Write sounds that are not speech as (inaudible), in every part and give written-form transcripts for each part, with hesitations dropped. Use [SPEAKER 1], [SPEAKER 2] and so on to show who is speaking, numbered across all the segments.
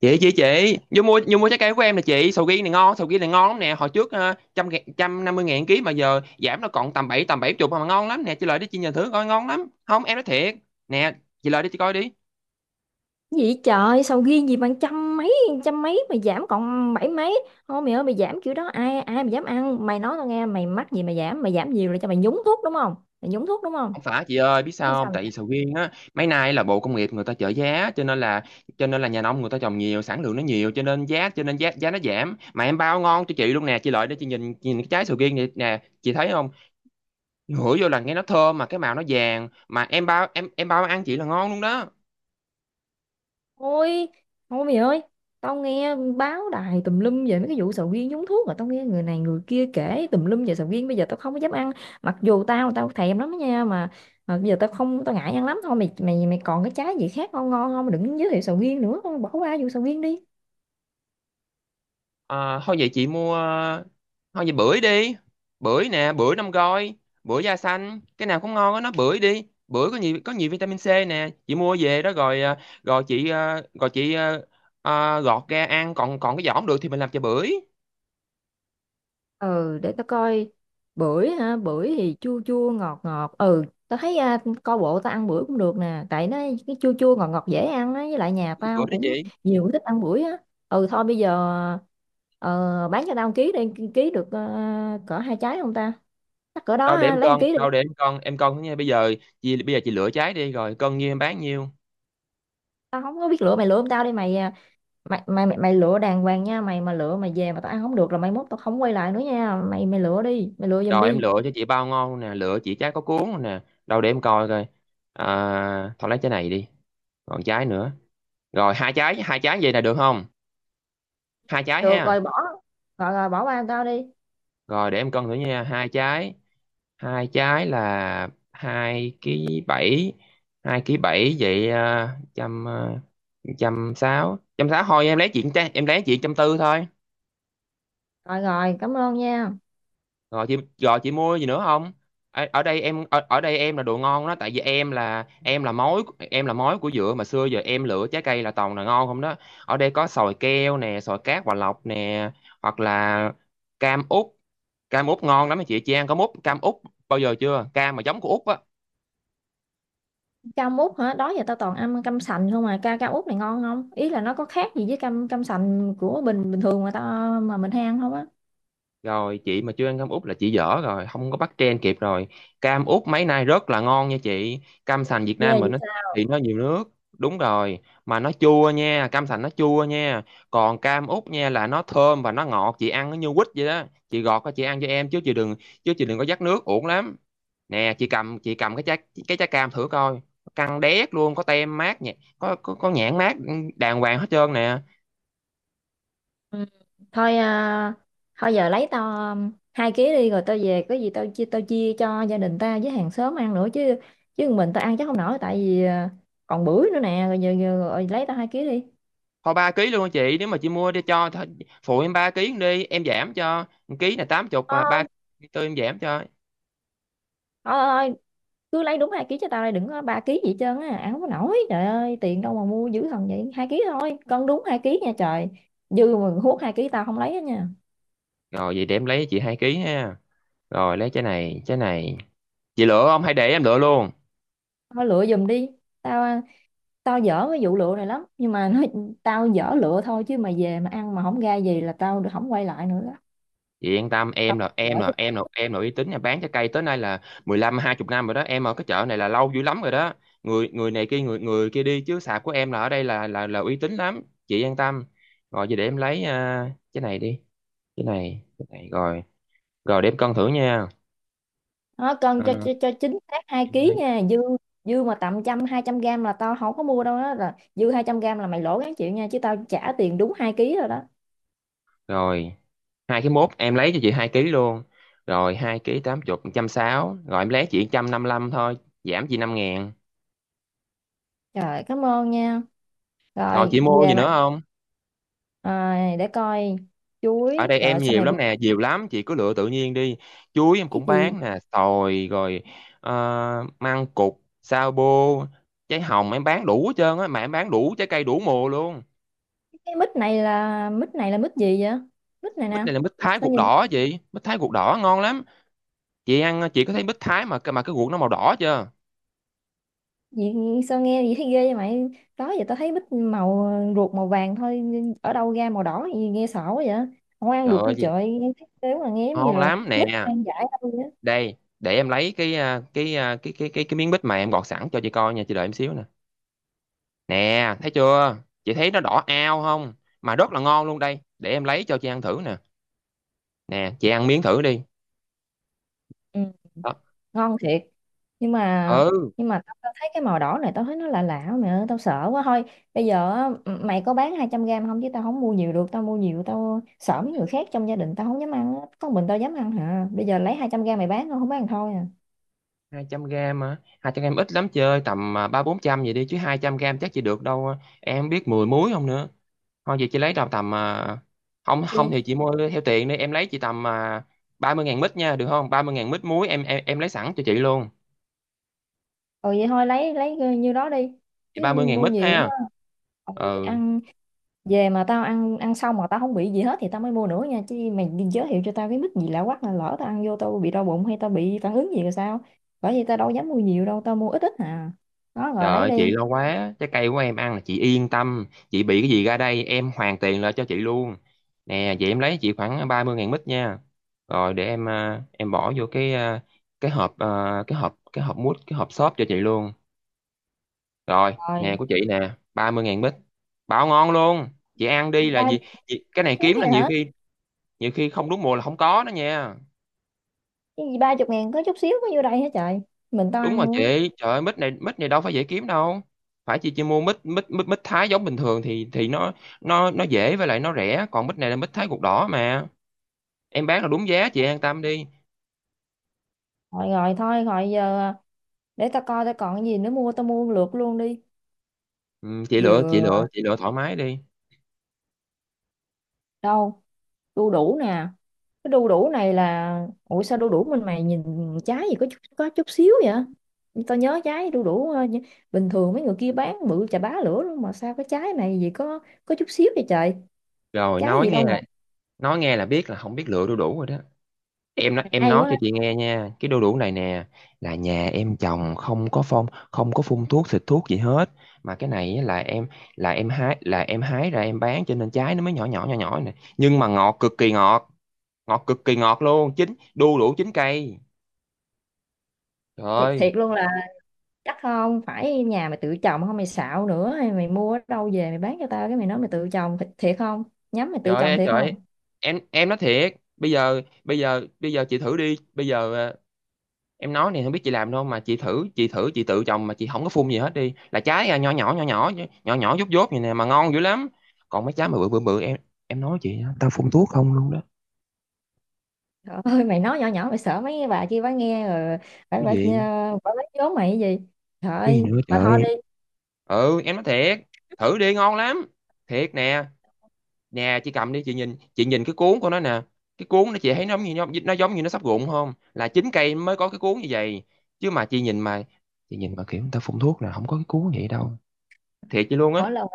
[SPEAKER 1] Chị vô mua trái cây của em nè chị. Sầu riêng này ngon, sầu riêng này ngon lắm nè. Hồi trước trăm ngàn- 150.000 ký mà giờ giảm nó còn tầm bảy tầm 70 mà ngon lắm nè. Chị lại đi, chị nhìn thử coi ngon lắm không, em nói thiệt. Nè, chị lại đi chị coi đi.
[SPEAKER 2] Vậy trời, sầu riêng gì bằng trăm mấy? Trăm mấy mà giảm còn bảy mấy thôi mày ơi? Mày giảm kiểu đó ai ai mà dám ăn? Mày nói tao nghe, mày mắc gì mà giảm? Mày giảm nhiều là cho mày nhúng thuốc đúng không? Mày nhúng thuốc đúng không?
[SPEAKER 1] Không phải chị ơi, biết
[SPEAKER 2] Chứ
[SPEAKER 1] sao
[SPEAKER 2] sao
[SPEAKER 1] không,
[SPEAKER 2] mà
[SPEAKER 1] tại vì
[SPEAKER 2] giảm?
[SPEAKER 1] sầu riêng á mấy nay là bộ công nghiệp người ta trợ giá cho nên là cho nên nhà nông người ta trồng nhiều, sản lượng nó nhiều cho nên giá giá nó giảm, mà em bao ngon cho chị luôn nè. Chị lại để chị nhìn, nhìn cái trái sầu riêng này nè chị thấy không. Ngửi vô là nghe nó thơm mà cái màu nó vàng, mà em bao ăn chị là ngon luôn đó.
[SPEAKER 2] Thôi thôi mày ơi, tao nghe báo đài tùm lum về mấy cái vụ sầu riêng nhúng thuốc rồi, tao nghe người này người kia kể tùm lum về sầu riêng, bây giờ tao không có dám ăn. Mặc dù tao tao thèm lắm đó nha mà, bây giờ tao không, tao ngại ăn lắm. Thôi mày, mày còn cái trái gì khác ngon ngon không? Đừng giới thiệu sầu riêng nữa, bỏ qua vụ sầu riêng đi.
[SPEAKER 1] Thôi vậy chị mua, thôi vậy bưởi đi. Bưởi nè, bưởi năm gói. Bưởi da xanh cái nào cũng ngon á nó, bưởi đi. Bưởi có nhiều, có nhiều vitamin C nè, chị mua về đó rồi rồi chị. Gọt ra ăn, còn còn cái vỏ không được thì mình làm chè bưởi.
[SPEAKER 2] Ừ, để tao coi. Bưởi hả? Bưởi thì chua chua ngọt ngọt. Ừ, tao thấy coi bộ tao ăn bưởi cũng được nè, tại nó cái chua chua ngọt ngọt dễ ăn á, với lại nhà
[SPEAKER 1] Bưởi
[SPEAKER 2] tao
[SPEAKER 1] đó
[SPEAKER 2] cũng
[SPEAKER 1] chị.
[SPEAKER 2] nhiều người thích ăn bưởi á. Ừ thôi, bây giờ ờ, bán cho tao 1 ký đi, ký được cỡ 2 trái không ta? Chắc cỡ đó
[SPEAKER 1] đâu để
[SPEAKER 2] ha,
[SPEAKER 1] em
[SPEAKER 2] lấy một
[SPEAKER 1] cân
[SPEAKER 2] ký đi.
[SPEAKER 1] đâu để em cân, em cân nha. Bây giờ chị, bây giờ chị lựa trái đi rồi cân nhiêu em bán nhiêu.
[SPEAKER 2] Tao không có biết lựa, mày lựa không tao đi mày mày lựa đàng hoàng nha mày, mà lựa mày về mà tao ăn không được là mai mốt tao không quay lại nữa nha mày. Mày lựa đi, mày lựa giùm
[SPEAKER 1] Rồi em
[SPEAKER 2] đi.
[SPEAKER 1] lựa cho chị bao ngon nè, lựa chị trái có cuốn nè. Đâu để em coi coi. Thôi lấy trái này đi, còn trái nữa. Rồi hai trái, hai trái vậy là được không, hai trái
[SPEAKER 2] Được
[SPEAKER 1] ha.
[SPEAKER 2] rồi, bỏ. Rồi rồi bỏ qua tao đi.
[SPEAKER 1] Rồi để em cân thử nha, hai trái. Hai trái là 2,7 ký. Hai ký bảy vậy trăm ờ, 160, 160 thôi em lấy chuyện, em lấy chuyện 140 thôi.
[SPEAKER 2] Rồi rồi, cảm ơn nha.
[SPEAKER 1] Rồi chị, rồi chị mua gì nữa không. Ở đây em là đồ ngon đó, tại vì em là mối. Em là mối của dừa mà, xưa giờ em lựa trái cây là toàn là ngon không đó. Ở đây có sòi keo nè, sòi cát hòa lộc nè, hoặc là cam út. Cam út ngon lắm á chị ăn cam út, cam út bao giờ chưa, cam mà giống của út á.
[SPEAKER 2] Cam út hả? Đó giờ tao toàn ăn cam sành không, mà ca cam út này ngon không? Ý là nó có khác gì với cam cam sành của bình bình thường mà tao, mà mình hay ăn không á?
[SPEAKER 1] Rồi chị mà chưa ăn cam út là chị dở rồi, không có bắt trend kịp rồi. Cam út mấy nay rất là ngon nha chị. Cam sành Việt Nam
[SPEAKER 2] Ghê
[SPEAKER 1] mình
[SPEAKER 2] vậy
[SPEAKER 1] nó
[SPEAKER 2] sao?
[SPEAKER 1] thì nó nhiều nước. Đúng rồi, mà nó chua nha, cam sành nó chua nha. Còn cam út nha là nó thơm và nó ngọt, chị ăn nó như quýt vậy đó. Chị gọt ra chị ăn cho em chứ chị đừng có dắt nước uổng lắm. Nè, chị cầm, chị cầm cái trái, cái trái cam thử coi. Căng đét luôn, có tem mát nhẹ, có có nhãn mát, ừ, đàng hoàng hết trơn nè.
[SPEAKER 2] Ừ. Thôi thôi giờ lấy tao 2 ký đi, rồi tao về có gì tao chia, tao chia cho gia đình ta với hàng xóm ăn nữa chứ, chứ mình tao ăn chắc không nổi, tại vì còn bưởi nữa nè. Rồi giờ, rồi lấy tao 2 ký đi.
[SPEAKER 1] Thôi 3 ký luôn chị, nếu mà chị mua đi cho thôi, phụ em 3 ký đi em giảm cho 1 ký là 80 và
[SPEAKER 2] Thôi,
[SPEAKER 1] 34 em giảm cho.
[SPEAKER 2] thôi, cứ lấy đúng 2 ký cho tao đây, đừng có 3 ký gì hết trơn á, áo không có nổi, trời ơi, tiền đâu mà mua dữ thần vậy? 2 ký thôi, cân đúng 2 ký nha trời, dư mà hút 2 ký tao không lấy hết nha.
[SPEAKER 1] Rồi vậy để em lấy chị 2 ký ha. Rồi lấy trái này, trái này. Chị lựa không hay để em lựa luôn.
[SPEAKER 2] Thôi lựa giùm đi, tao tao dở cái vụ lựa này lắm, nhưng mà nói, (laughs) tao dở lựa thôi, chứ mà về mà ăn mà không ra gì là tao không quay lại nữa đó.
[SPEAKER 1] Chị yên tâm,
[SPEAKER 2] Tao
[SPEAKER 1] em là
[SPEAKER 2] dở
[SPEAKER 1] em là
[SPEAKER 2] chứ.
[SPEAKER 1] em là em là uy tín nhà bán trái cây tới nay là 15-20 năm rồi đó, em ở cái chợ này là lâu dữ lắm rồi đó. Người người này kia, người người kia đi, chứ sạp của em là ở đây là là uy tín lắm, chị yên tâm. Rồi vậy để em lấy cái này đi, cái này rồi. Rồi để em cân thử nha.
[SPEAKER 2] Nó
[SPEAKER 1] Ờ,
[SPEAKER 2] cân cho chính xác 2 ký nha, dư, dư mà tầm trăm hai trăm gram là tao không có mua đâu đó, là dư 200 gram là mày lỗ gắng chịu nha, chứ tao trả tiền đúng 2 ký rồi đó.
[SPEAKER 1] rồi 2,1 ký em lấy cho chị 2 ký luôn. Rồi 2 ký 80, 160 rồi em lấy chị 155 thôi, giảm chị 5.000.
[SPEAKER 2] Trời, cảm ơn nha.
[SPEAKER 1] Rồi
[SPEAKER 2] Rồi
[SPEAKER 1] chị mua
[SPEAKER 2] về
[SPEAKER 1] gì
[SPEAKER 2] mà.
[SPEAKER 1] nữa không.
[SPEAKER 2] À, để coi.
[SPEAKER 1] Ở
[SPEAKER 2] Chuối,
[SPEAKER 1] đây
[SPEAKER 2] trời
[SPEAKER 1] em
[SPEAKER 2] ơi, sao
[SPEAKER 1] nhiều
[SPEAKER 2] mày biết?
[SPEAKER 1] lắm nè, nhiều lắm, chị cứ lựa tự nhiên đi. Chuối em
[SPEAKER 2] Cái
[SPEAKER 1] cũng
[SPEAKER 2] gì?
[SPEAKER 1] bán nè, xoài rồi ờ, măng cụt, sao bô, trái hồng, em bán đủ hết trơn á, mà em bán đủ trái cây đủ mùa luôn.
[SPEAKER 2] Cái mít này là mít gì vậy? Mít này
[SPEAKER 1] Mít
[SPEAKER 2] nè.
[SPEAKER 1] này là mít Thái
[SPEAKER 2] Sao
[SPEAKER 1] ruột
[SPEAKER 2] nhìn
[SPEAKER 1] đỏ chị, mít Thái ruột đỏ ngon lắm. Chị ăn chị có thấy mít Thái mà cái ruột nó màu đỏ chưa.
[SPEAKER 2] gì? Sao nghe gì thấy ghê vậy mày? Đó giờ tao thấy mít màu, ruột màu vàng thôi, nhưng ở đâu ra màu đỏ gì nghe sợ quá vậy? Không ăn
[SPEAKER 1] Trời
[SPEAKER 2] được như
[SPEAKER 1] ơi,
[SPEAKER 2] trời, nghe thấy thế mà nghe giống như
[SPEAKER 1] ngon
[SPEAKER 2] là
[SPEAKER 1] lắm
[SPEAKER 2] mít
[SPEAKER 1] nè.
[SPEAKER 2] ăn dại đâu vậy.
[SPEAKER 1] Đây để em lấy cái miếng bít mà em gọt sẵn cho chị coi nha, chị đợi em xíu nè. Nè thấy chưa, chị thấy nó đỏ ao không, mà rất là ngon luôn. Đây để em lấy cho chị ăn thử nè, nè chị ăn miếng thử đi.
[SPEAKER 2] Ừ,
[SPEAKER 1] Đó.
[SPEAKER 2] ngon thiệt, nhưng mà,
[SPEAKER 1] Ừ.
[SPEAKER 2] nhưng mà tao tao thấy cái màu đỏ này tao thấy nó lạ lạ, mẹ ơi tao sợ quá. Thôi bây giờ á, mày có bán 200 gram không chứ tao không mua nhiều được, tao mua nhiều tao sợ mấy người khác trong gia đình tao không dám ăn á. Có mình tao dám ăn hả, bây giờ lấy 200 gram mày bán không, không bán thôi à?
[SPEAKER 1] 200 gram, mà 200 gram ít lắm, chơi tầm 300-400 vậy đi, chứ 200 gram chắc chị được đâu à, em không biết 10 muối không nữa. Thôi vậy chị lấy đâu tầm không, không
[SPEAKER 2] Thì
[SPEAKER 1] thì chị mua theo tiền đi, em lấy chị tầm 30.000 mít nha, được không, 30.000 mít muối em em lấy sẵn cho chị luôn.
[SPEAKER 2] ừ, vậy thôi lấy như đó đi,
[SPEAKER 1] Chị
[SPEAKER 2] chứ
[SPEAKER 1] 30.000
[SPEAKER 2] mua
[SPEAKER 1] mít
[SPEAKER 2] nhiều
[SPEAKER 1] ha.
[SPEAKER 2] quá. Ừ,
[SPEAKER 1] Ừ,
[SPEAKER 2] ăn, về mà tao ăn, ăn xong mà tao không bị gì hết thì tao mới mua nữa nha, chứ mày giới thiệu cho tao cái mức gì lạ quắc, là lỡ tao ăn vô tao bị đau bụng hay tao bị phản ứng gì rồi sao? Bởi vì tao đâu dám mua nhiều đâu, tao mua ít ít à. Đó, rồi
[SPEAKER 1] trời
[SPEAKER 2] lấy
[SPEAKER 1] ơi chị
[SPEAKER 2] đi.
[SPEAKER 1] lo quá, trái cây của em ăn là chị yên tâm, chị bị cái gì ra đây em hoàn tiền lại cho chị luôn. Nè vậy em lấy chị khoảng 30.000 mít nha. Rồi để em em bỏ vô cái cái hộp à, cái hộp mút, cái hộp xốp cho chị luôn. Rồi nè,
[SPEAKER 2] Rồi,
[SPEAKER 1] của chị nè, 30.000 mít, bảo ngon luôn. Chị ăn đi
[SPEAKER 2] gì
[SPEAKER 1] là
[SPEAKER 2] ba
[SPEAKER 1] gì.
[SPEAKER 2] chút
[SPEAKER 1] Chị, cái này
[SPEAKER 2] xíu
[SPEAKER 1] kiếm là
[SPEAKER 2] vậy
[SPEAKER 1] nhiều
[SPEAKER 2] hả?
[SPEAKER 1] khi, nhiều khi không đúng mùa là không có đó nha.
[SPEAKER 2] Cái gì 30.000 có chút xíu có vô đây hả trời? Mình tao
[SPEAKER 1] Đúng
[SPEAKER 2] ăn
[SPEAKER 1] rồi
[SPEAKER 2] luôn á.
[SPEAKER 1] chị, trời ơi mít này, mít này đâu phải dễ kiếm đâu. Phải chị chỉ mua mít, mít Thái giống bình thường thì nó, nó dễ với lại nó rẻ, còn mít này là mít Thái ruột đỏ mà, em bán là đúng giá, chị an tâm đi.
[SPEAKER 2] Rồi rồi, thôi rồi giờ, để tao coi tao còn cái gì nữa mua, tao mua lượt luôn đi.
[SPEAKER 1] Ừ, chị lựa, chị
[SPEAKER 2] Vừa,
[SPEAKER 1] lựa chị lựa thoải mái đi.
[SPEAKER 2] đâu, đu đủ nè. Cái đu đủ này là, ủa sao đu đủ mình mày nhìn trái gì có chút xíu vậy? Tao nhớ trái đu đủ bình thường mấy người kia bán bự chà bá lửa luôn, mà sao cái trái này gì có chút xíu vậy trời?
[SPEAKER 1] Rồi
[SPEAKER 2] Trái gì đâu ngọt.
[SPEAKER 1] nói nghe là biết là không biết lựa đu đủ rồi đó. Em nói,
[SPEAKER 2] Mày
[SPEAKER 1] em
[SPEAKER 2] hay
[SPEAKER 1] nói
[SPEAKER 2] quá.
[SPEAKER 1] cho chị nghe nha, cái đu đủ này nè là nhà em trồng không có phong, không có phun thuốc xịt thuốc gì hết, mà cái này á là em hái, là em hái ra em bán cho nên trái nó mới nhỏ nhỏ này, nhưng mà ngọt cực kỳ ngọt, ngọt cực kỳ ngọt luôn, chín đu đủ chín cây. Trời
[SPEAKER 2] thiệt,
[SPEAKER 1] ơi,
[SPEAKER 2] thiệt luôn là, chắc không phải nhà mày tự trồng, không mày xạo nữa, hay mày mua ở đâu về mày bán cho tao, cái mày nói mày tự trồng thiệt, thiệt không? Nhắm mày tự
[SPEAKER 1] trời
[SPEAKER 2] trồng
[SPEAKER 1] ơi,
[SPEAKER 2] thiệt
[SPEAKER 1] trời
[SPEAKER 2] không?
[SPEAKER 1] ơi. Em nói thiệt, bây giờ bây giờ chị thử đi, bây giờ em nói này không biết chị làm đâu mà, chị thử, chị thử chị tự trồng mà chị không có phun gì hết đi là trái nhỏ nhỏ nhỏ nhỏ nhỏ nhỏ dốt dốt vậy nè mà ngon dữ lắm. Còn mấy trái mà bự bự bự em nói chị á, tao phun thuốc không luôn đó.
[SPEAKER 2] Trời (laughs) ơi, mày nói nhỏ nhỏ, mày sợ mấy cái bà kia bà nghe rồi. Phải
[SPEAKER 1] Cái
[SPEAKER 2] phải phải,
[SPEAKER 1] gì,
[SPEAKER 2] phải, phải, mày cái gì? Trời
[SPEAKER 1] cái gì
[SPEAKER 2] ơi,
[SPEAKER 1] nữa
[SPEAKER 2] mà thôi
[SPEAKER 1] trời.
[SPEAKER 2] đi.
[SPEAKER 1] Ừ em nói thiệt, thử đi ngon lắm, thiệt nè. Nè chị cầm đi, chị nhìn, chị nhìn cái cuốn của nó nè. Cái cuốn nó chị thấy nó giống như nó giống như nó sắp rụng không, là chín cây mới có cái cuốn như vậy. Chứ mà chị nhìn mà, chị nhìn mà kiểu người ta phun thuốc là không có cái cuốn vậy đâu, thiệt chị luôn á.
[SPEAKER 2] Mỗi lần,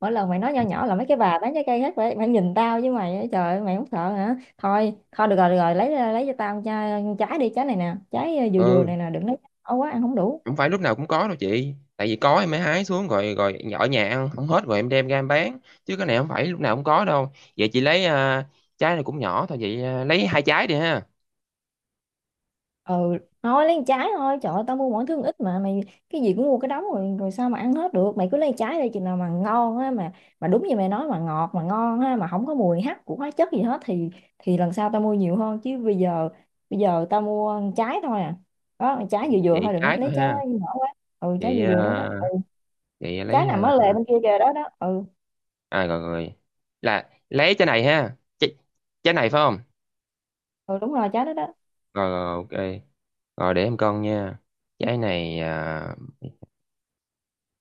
[SPEAKER 2] mỗi lần mày nói nho nhỏ là mấy cái bà bán trái cây hết, phải mày nhìn tao với mày á, trời ơi, mày không sợ hả? Thôi thôi, được rồi được rồi, lấy cho tao chai, trái đi, trái này nè, trái vừa vừa
[SPEAKER 1] Ừ,
[SPEAKER 2] này nè, đừng lấy quá ăn không đủ.
[SPEAKER 1] không phải lúc nào cũng có đâu chị, tại vì có em mới hái xuống rồi, rồi ở nhà ăn không hết rồi em đem ra em bán, chứ cái này không phải lúc nào cũng có đâu. Vậy chị lấy trái này cũng nhỏ thôi, vậy lấy 2 trái đi ha.
[SPEAKER 2] Ừ, thôi lấy trái thôi, trời ơi, tao mua mỗi thứ ít mà mày cái gì cũng mua cái đống rồi, rồi sao mà ăn hết được? Mày cứ lấy trái đây, chừng nào mà ngon á, mà đúng như mày nói mà ngọt mà ngon ha, mà không có mùi hắc của hóa chất gì hết thì lần sau tao mua nhiều hơn, chứ bây giờ, bây giờ tao mua trái thôi à. Đó, trái
[SPEAKER 1] Vậy,
[SPEAKER 2] vừa vừa
[SPEAKER 1] vậy
[SPEAKER 2] thôi, đừng
[SPEAKER 1] trái
[SPEAKER 2] có lấy
[SPEAKER 1] thôi
[SPEAKER 2] trái quá
[SPEAKER 1] ha.
[SPEAKER 2] nhỏ quá. Ừ, trái
[SPEAKER 1] Vậy
[SPEAKER 2] vừa
[SPEAKER 1] à,
[SPEAKER 2] vừa đó đó ừ.
[SPEAKER 1] vậy
[SPEAKER 2] Trái
[SPEAKER 1] lấy
[SPEAKER 2] nằm
[SPEAKER 1] à,
[SPEAKER 2] ở lề bên kia kìa, đó đó ừ.
[SPEAKER 1] À rồi rồi. Là lấy trái này ha. Trái, trái này phải không?
[SPEAKER 2] Ừ đúng rồi, trái đó đó.
[SPEAKER 1] Rồi rồi ok. Rồi để em cân nha. Trái này à...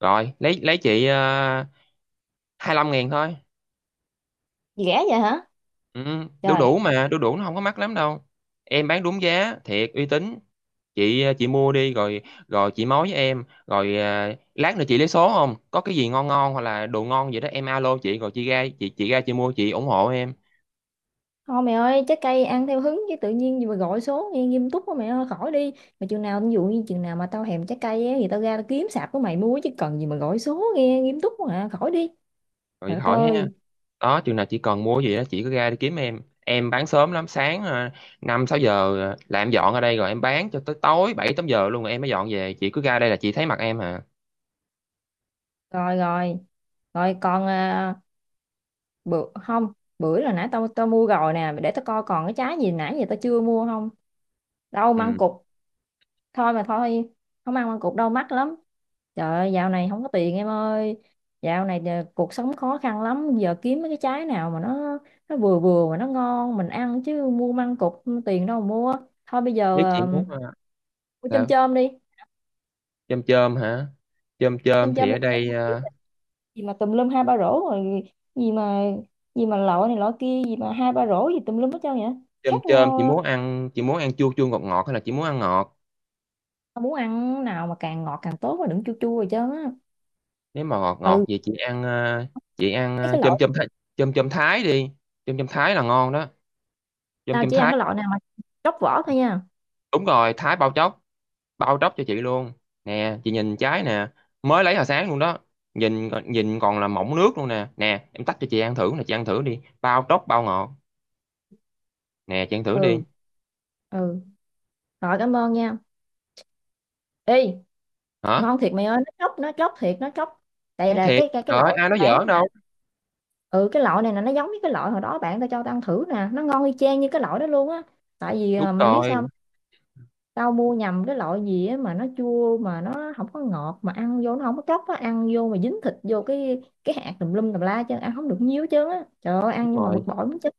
[SPEAKER 1] rồi, lấy chị à... 15.000 thôi.
[SPEAKER 2] Gì rẻ vậy hả?
[SPEAKER 1] Ừ, đu
[SPEAKER 2] Trời.
[SPEAKER 1] đủ mà, đu đủ nó không có mắc lắm đâu. Em bán đúng giá, thiệt uy tín. Chị à, chị mua đi rồi, rồi chị mối với em, rồi à... lát nữa chị lấy số không? Có cái gì ngon ngon hoặc là đồ ngon gì đó em alo chị, rồi chị ra chị ra chị mua chị ủng hộ em.
[SPEAKER 2] Thôi mẹ ơi, trái cây ăn theo hứng, chứ tự nhiên gì mà gọi số nghe nghiêm túc quá mẹ ơi, khỏi đi. Mà chừng nào, ví dụ như chừng nào mà tao thèm trái cây á, thì tao ra tao kiếm sạp của mày mua, chứ cần gì mà gọi số nghe nghiêm túc quá khỏi đi.
[SPEAKER 1] Rồi
[SPEAKER 2] Trời đất
[SPEAKER 1] khỏi ha.
[SPEAKER 2] ơi,
[SPEAKER 1] Đó chừng nào chị cần mua gì đó chị cứ ra đi kiếm em bán sớm lắm, sáng 5-6 giờ là em dọn ở đây, rồi em bán cho tới tối 7-8 giờ luôn rồi em mới dọn về, chị cứ ra đây là chị thấy mặt em hả.
[SPEAKER 2] rồi rồi. Rồi còn à, bữa không, bữa là nãy tao tao mua rồi nè, để tao coi còn cái trái gì nãy giờ tao chưa mua không? Đâu, măng
[SPEAKER 1] Ừ.
[SPEAKER 2] cụt, thôi mà thôi, không ăn măng cụt đau mắt lắm. Trời ơi, dạo này không có tiền em ơi, dạo này cuộc sống khó khăn lắm, giờ kiếm mấy cái trái nào mà nó vừa vừa mà nó ngon mình ăn, chứ mua măng cụt tiền đâu mà mua. Thôi bây giờ
[SPEAKER 1] Biết chị
[SPEAKER 2] ờ,
[SPEAKER 1] muốn
[SPEAKER 2] mua chôm
[SPEAKER 1] sao,
[SPEAKER 2] chôm đi,
[SPEAKER 1] chôm chôm hả, chôm chôm
[SPEAKER 2] chôm
[SPEAKER 1] thì
[SPEAKER 2] chôm
[SPEAKER 1] ở đây
[SPEAKER 2] đi. Gì mà tùm lum hai ba rổ rồi? Gì mà, gì mà lọ này lọ kia gì mà hai ba rổ gì tùm lum hết trơn vậy?
[SPEAKER 1] chôm
[SPEAKER 2] Khác
[SPEAKER 1] chôm, chị
[SPEAKER 2] nhau.
[SPEAKER 1] muốn ăn, chị muốn ăn chua chua ngọt ngọt hay là chị muốn ăn ngọt.
[SPEAKER 2] Ờ, Muốn ăn nào mà càng ngọt càng tốt, mà đừng chua chua rồi chứ.
[SPEAKER 1] Nếu mà ngọt ngọt
[SPEAKER 2] Ừ,
[SPEAKER 1] vậy chị ăn chị ăn
[SPEAKER 2] thấy cái
[SPEAKER 1] chôm
[SPEAKER 2] loại,
[SPEAKER 1] chôm Thái, chôm chôm Thái đi, chôm chôm Thái là ngon đó, chôm
[SPEAKER 2] tao
[SPEAKER 1] chôm
[SPEAKER 2] chỉ ăn
[SPEAKER 1] Thái.
[SPEAKER 2] cái loại nào mà tróc vỏ thôi nha.
[SPEAKER 1] Đúng rồi, Thái bao chóc, bao tróc cho chị luôn. Nè chị nhìn trái nè, mới lấy hồi sáng luôn đó, nhìn nhìn còn là mọng nước luôn nè. Nè em tách cho chị ăn thử nè, chị ăn thử đi bao tróc bao ngọt. Nè chị ăn thử đi.
[SPEAKER 2] Ừ. Ừ rồi, cảm ơn nha. Ê,
[SPEAKER 1] Hả.
[SPEAKER 2] ngon thiệt mày ơi, nó chóc, nó chóc thiệt, nó chóc. Đây
[SPEAKER 1] Nói
[SPEAKER 2] là
[SPEAKER 1] thiệt
[SPEAKER 2] cái cái
[SPEAKER 1] trời
[SPEAKER 2] loại
[SPEAKER 1] ơi, ai nói
[SPEAKER 2] bán
[SPEAKER 1] giỡn
[SPEAKER 2] nè.
[SPEAKER 1] đâu.
[SPEAKER 2] Ừ, cái loại này là nó giống với cái loại hồi đó bạn tao cho tao ăn thử nè, nó ngon y chang như cái loại đó luôn á. Tại vì
[SPEAKER 1] Đúng
[SPEAKER 2] mày biết
[SPEAKER 1] rồi,
[SPEAKER 2] sao không? Tao mua nhầm cái loại gì á mà nó chua mà nó không có ngọt, mà ăn vô nó không có chóc á, ăn vô mà dính thịt vô cái hạt tùm lum tùm la, chứ ăn không được nhiều chứ á, trời ơi,
[SPEAKER 1] đúng
[SPEAKER 2] ăn nhưng mà bực
[SPEAKER 1] rồi,
[SPEAKER 2] bội muốn chết.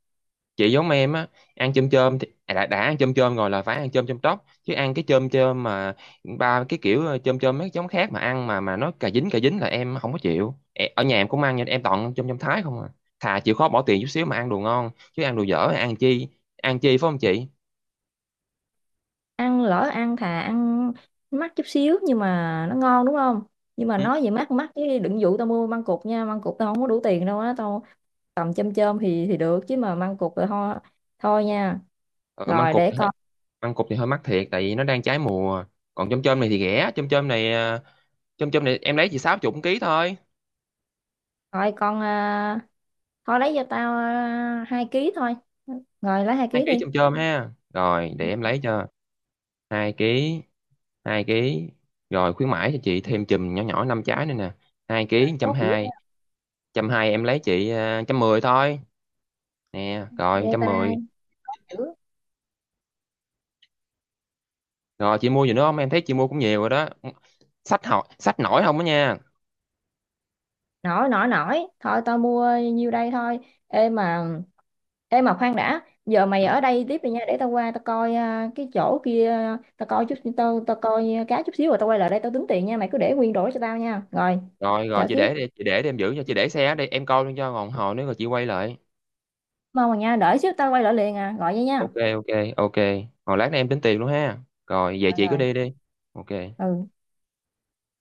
[SPEAKER 1] chị giống em á. Ăn chôm chôm thì à, đã ăn chôm chôm rồi là phải ăn chôm chôm tóc, chứ ăn cái chôm chôm mà ba cái kiểu chôm chôm mấy giống khác mà ăn mà nó cà dính, cà dính là em không có chịu. E- ở nhà em cũng ăn nhưng em toàn chôm chôm Thái không à. Thà chịu khó bỏ tiền chút xíu mà ăn đồ ngon, chứ ăn đồ dở thì ăn chi, ăn chi phải không chị.
[SPEAKER 2] Ăn lỡ ăn, thà ăn mắc chút xíu nhưng mà nó ngon đúng không? Nhưng mà
[SPEAKER 1] Ừ,
[SPEAKER 2] nói về mắc mắc chứ đừng dụ tao mua măng cụt nha, măng cụt tao không có đủ tiền đâu á tao, tầm chôm chôm thì được, chứ mà măng cụt là thôi, thôi nha.
[SPEAKER 1] ừ măng
[SPEAKER 2] Rồi
[SPEAKER 1] cụt
[SPEAKER 2] để
[SPEAKER 1] thì hơi,
[SPEAKER 2] con
[SPEAKER 1] măng cụt thì hơi mắc thiệt, tại vì nó đang trái mùa. Còn chôm chôm này thì rẻ, chôm chôm này chôm chôm này em lấy chỉ 60 ký thôi.
[SPEAKER 2] coi, con thôi lấy cho tao 2 ký thôi. Rồi lấy hai
[SPEAKER 1] Hai
[SPEAKER 2] ký
[SPEAKER 1] ký
[SPEAKER 2] đi.
[SPEAKER 1] chôm chôm ha, rồi để
[SPEAKER 2] Ừ,
[SPEAKER 1] em lấy cho, hai ký, hai ký. Rồi khuyến mãi cho chị thêm chùm nhỏ nhỏ 5 trái nữa nè. hai ký trăm
[SPEAKER 2] tốt dữ
[SPEAKER 1] hai
[SPEAKER 2] ha.
[SPEAKER 1] 120 em lấy chị 110 thôi. Nè rồi
[SPEAKER 2] Ghê
[SPEAKER 1] trăm
[SPEAKER 2] ta,
[SPEAKER 1] mười
[SPEAKER 2] dữ.
[SPEAKER 1] Rồi chị mua gì nữa không, em thấy chị mua cũng nhiều rồi đó, sách học sách nổi không đó nha.
[SPEAKER 2] Nổi nổi nổi, thôi tao mua nhiêu đây thôi. Ê mà, ê mà khoan đã, giờ mày
[SPEAKER 1] Ừ.
[SPEAKER 2] ở đây tiếp đi nha, để tao qua tao coi cái chỗ kia. Tao coi chút, tao tao coi cá chút xíu rồi tao quay lại đây tao tính tiền nha, mày cứ để nguyên đổi cho tao nha rồi.
[SPEAKER 1] Rồi rồi
[SPEAKER 2] Chờ
[SPEAKER 1] chị
[SPEAKER 2] xíu,
[SPEAKER 1] để đi, chị để đi, em giữ cho chị, để xe ở đây em coi luôn cho, còn hồi nữa rồi chị quay lại.
[SPEAKER 2] mong mà nha, đợi xíu tao quay lại liền à, gọi vậy nha.
[SPEAKER 1] Ok ok ok. Hồi lát nữa em tính tiền luôn ha, rồi về
[SPEAKER 2] Rồi
[SPEAKER 1] chị cứ
[SPEAKER 2] rồi
[SPEAKER 1] đi đi. Ok.
[SPEAKER 2] ừ.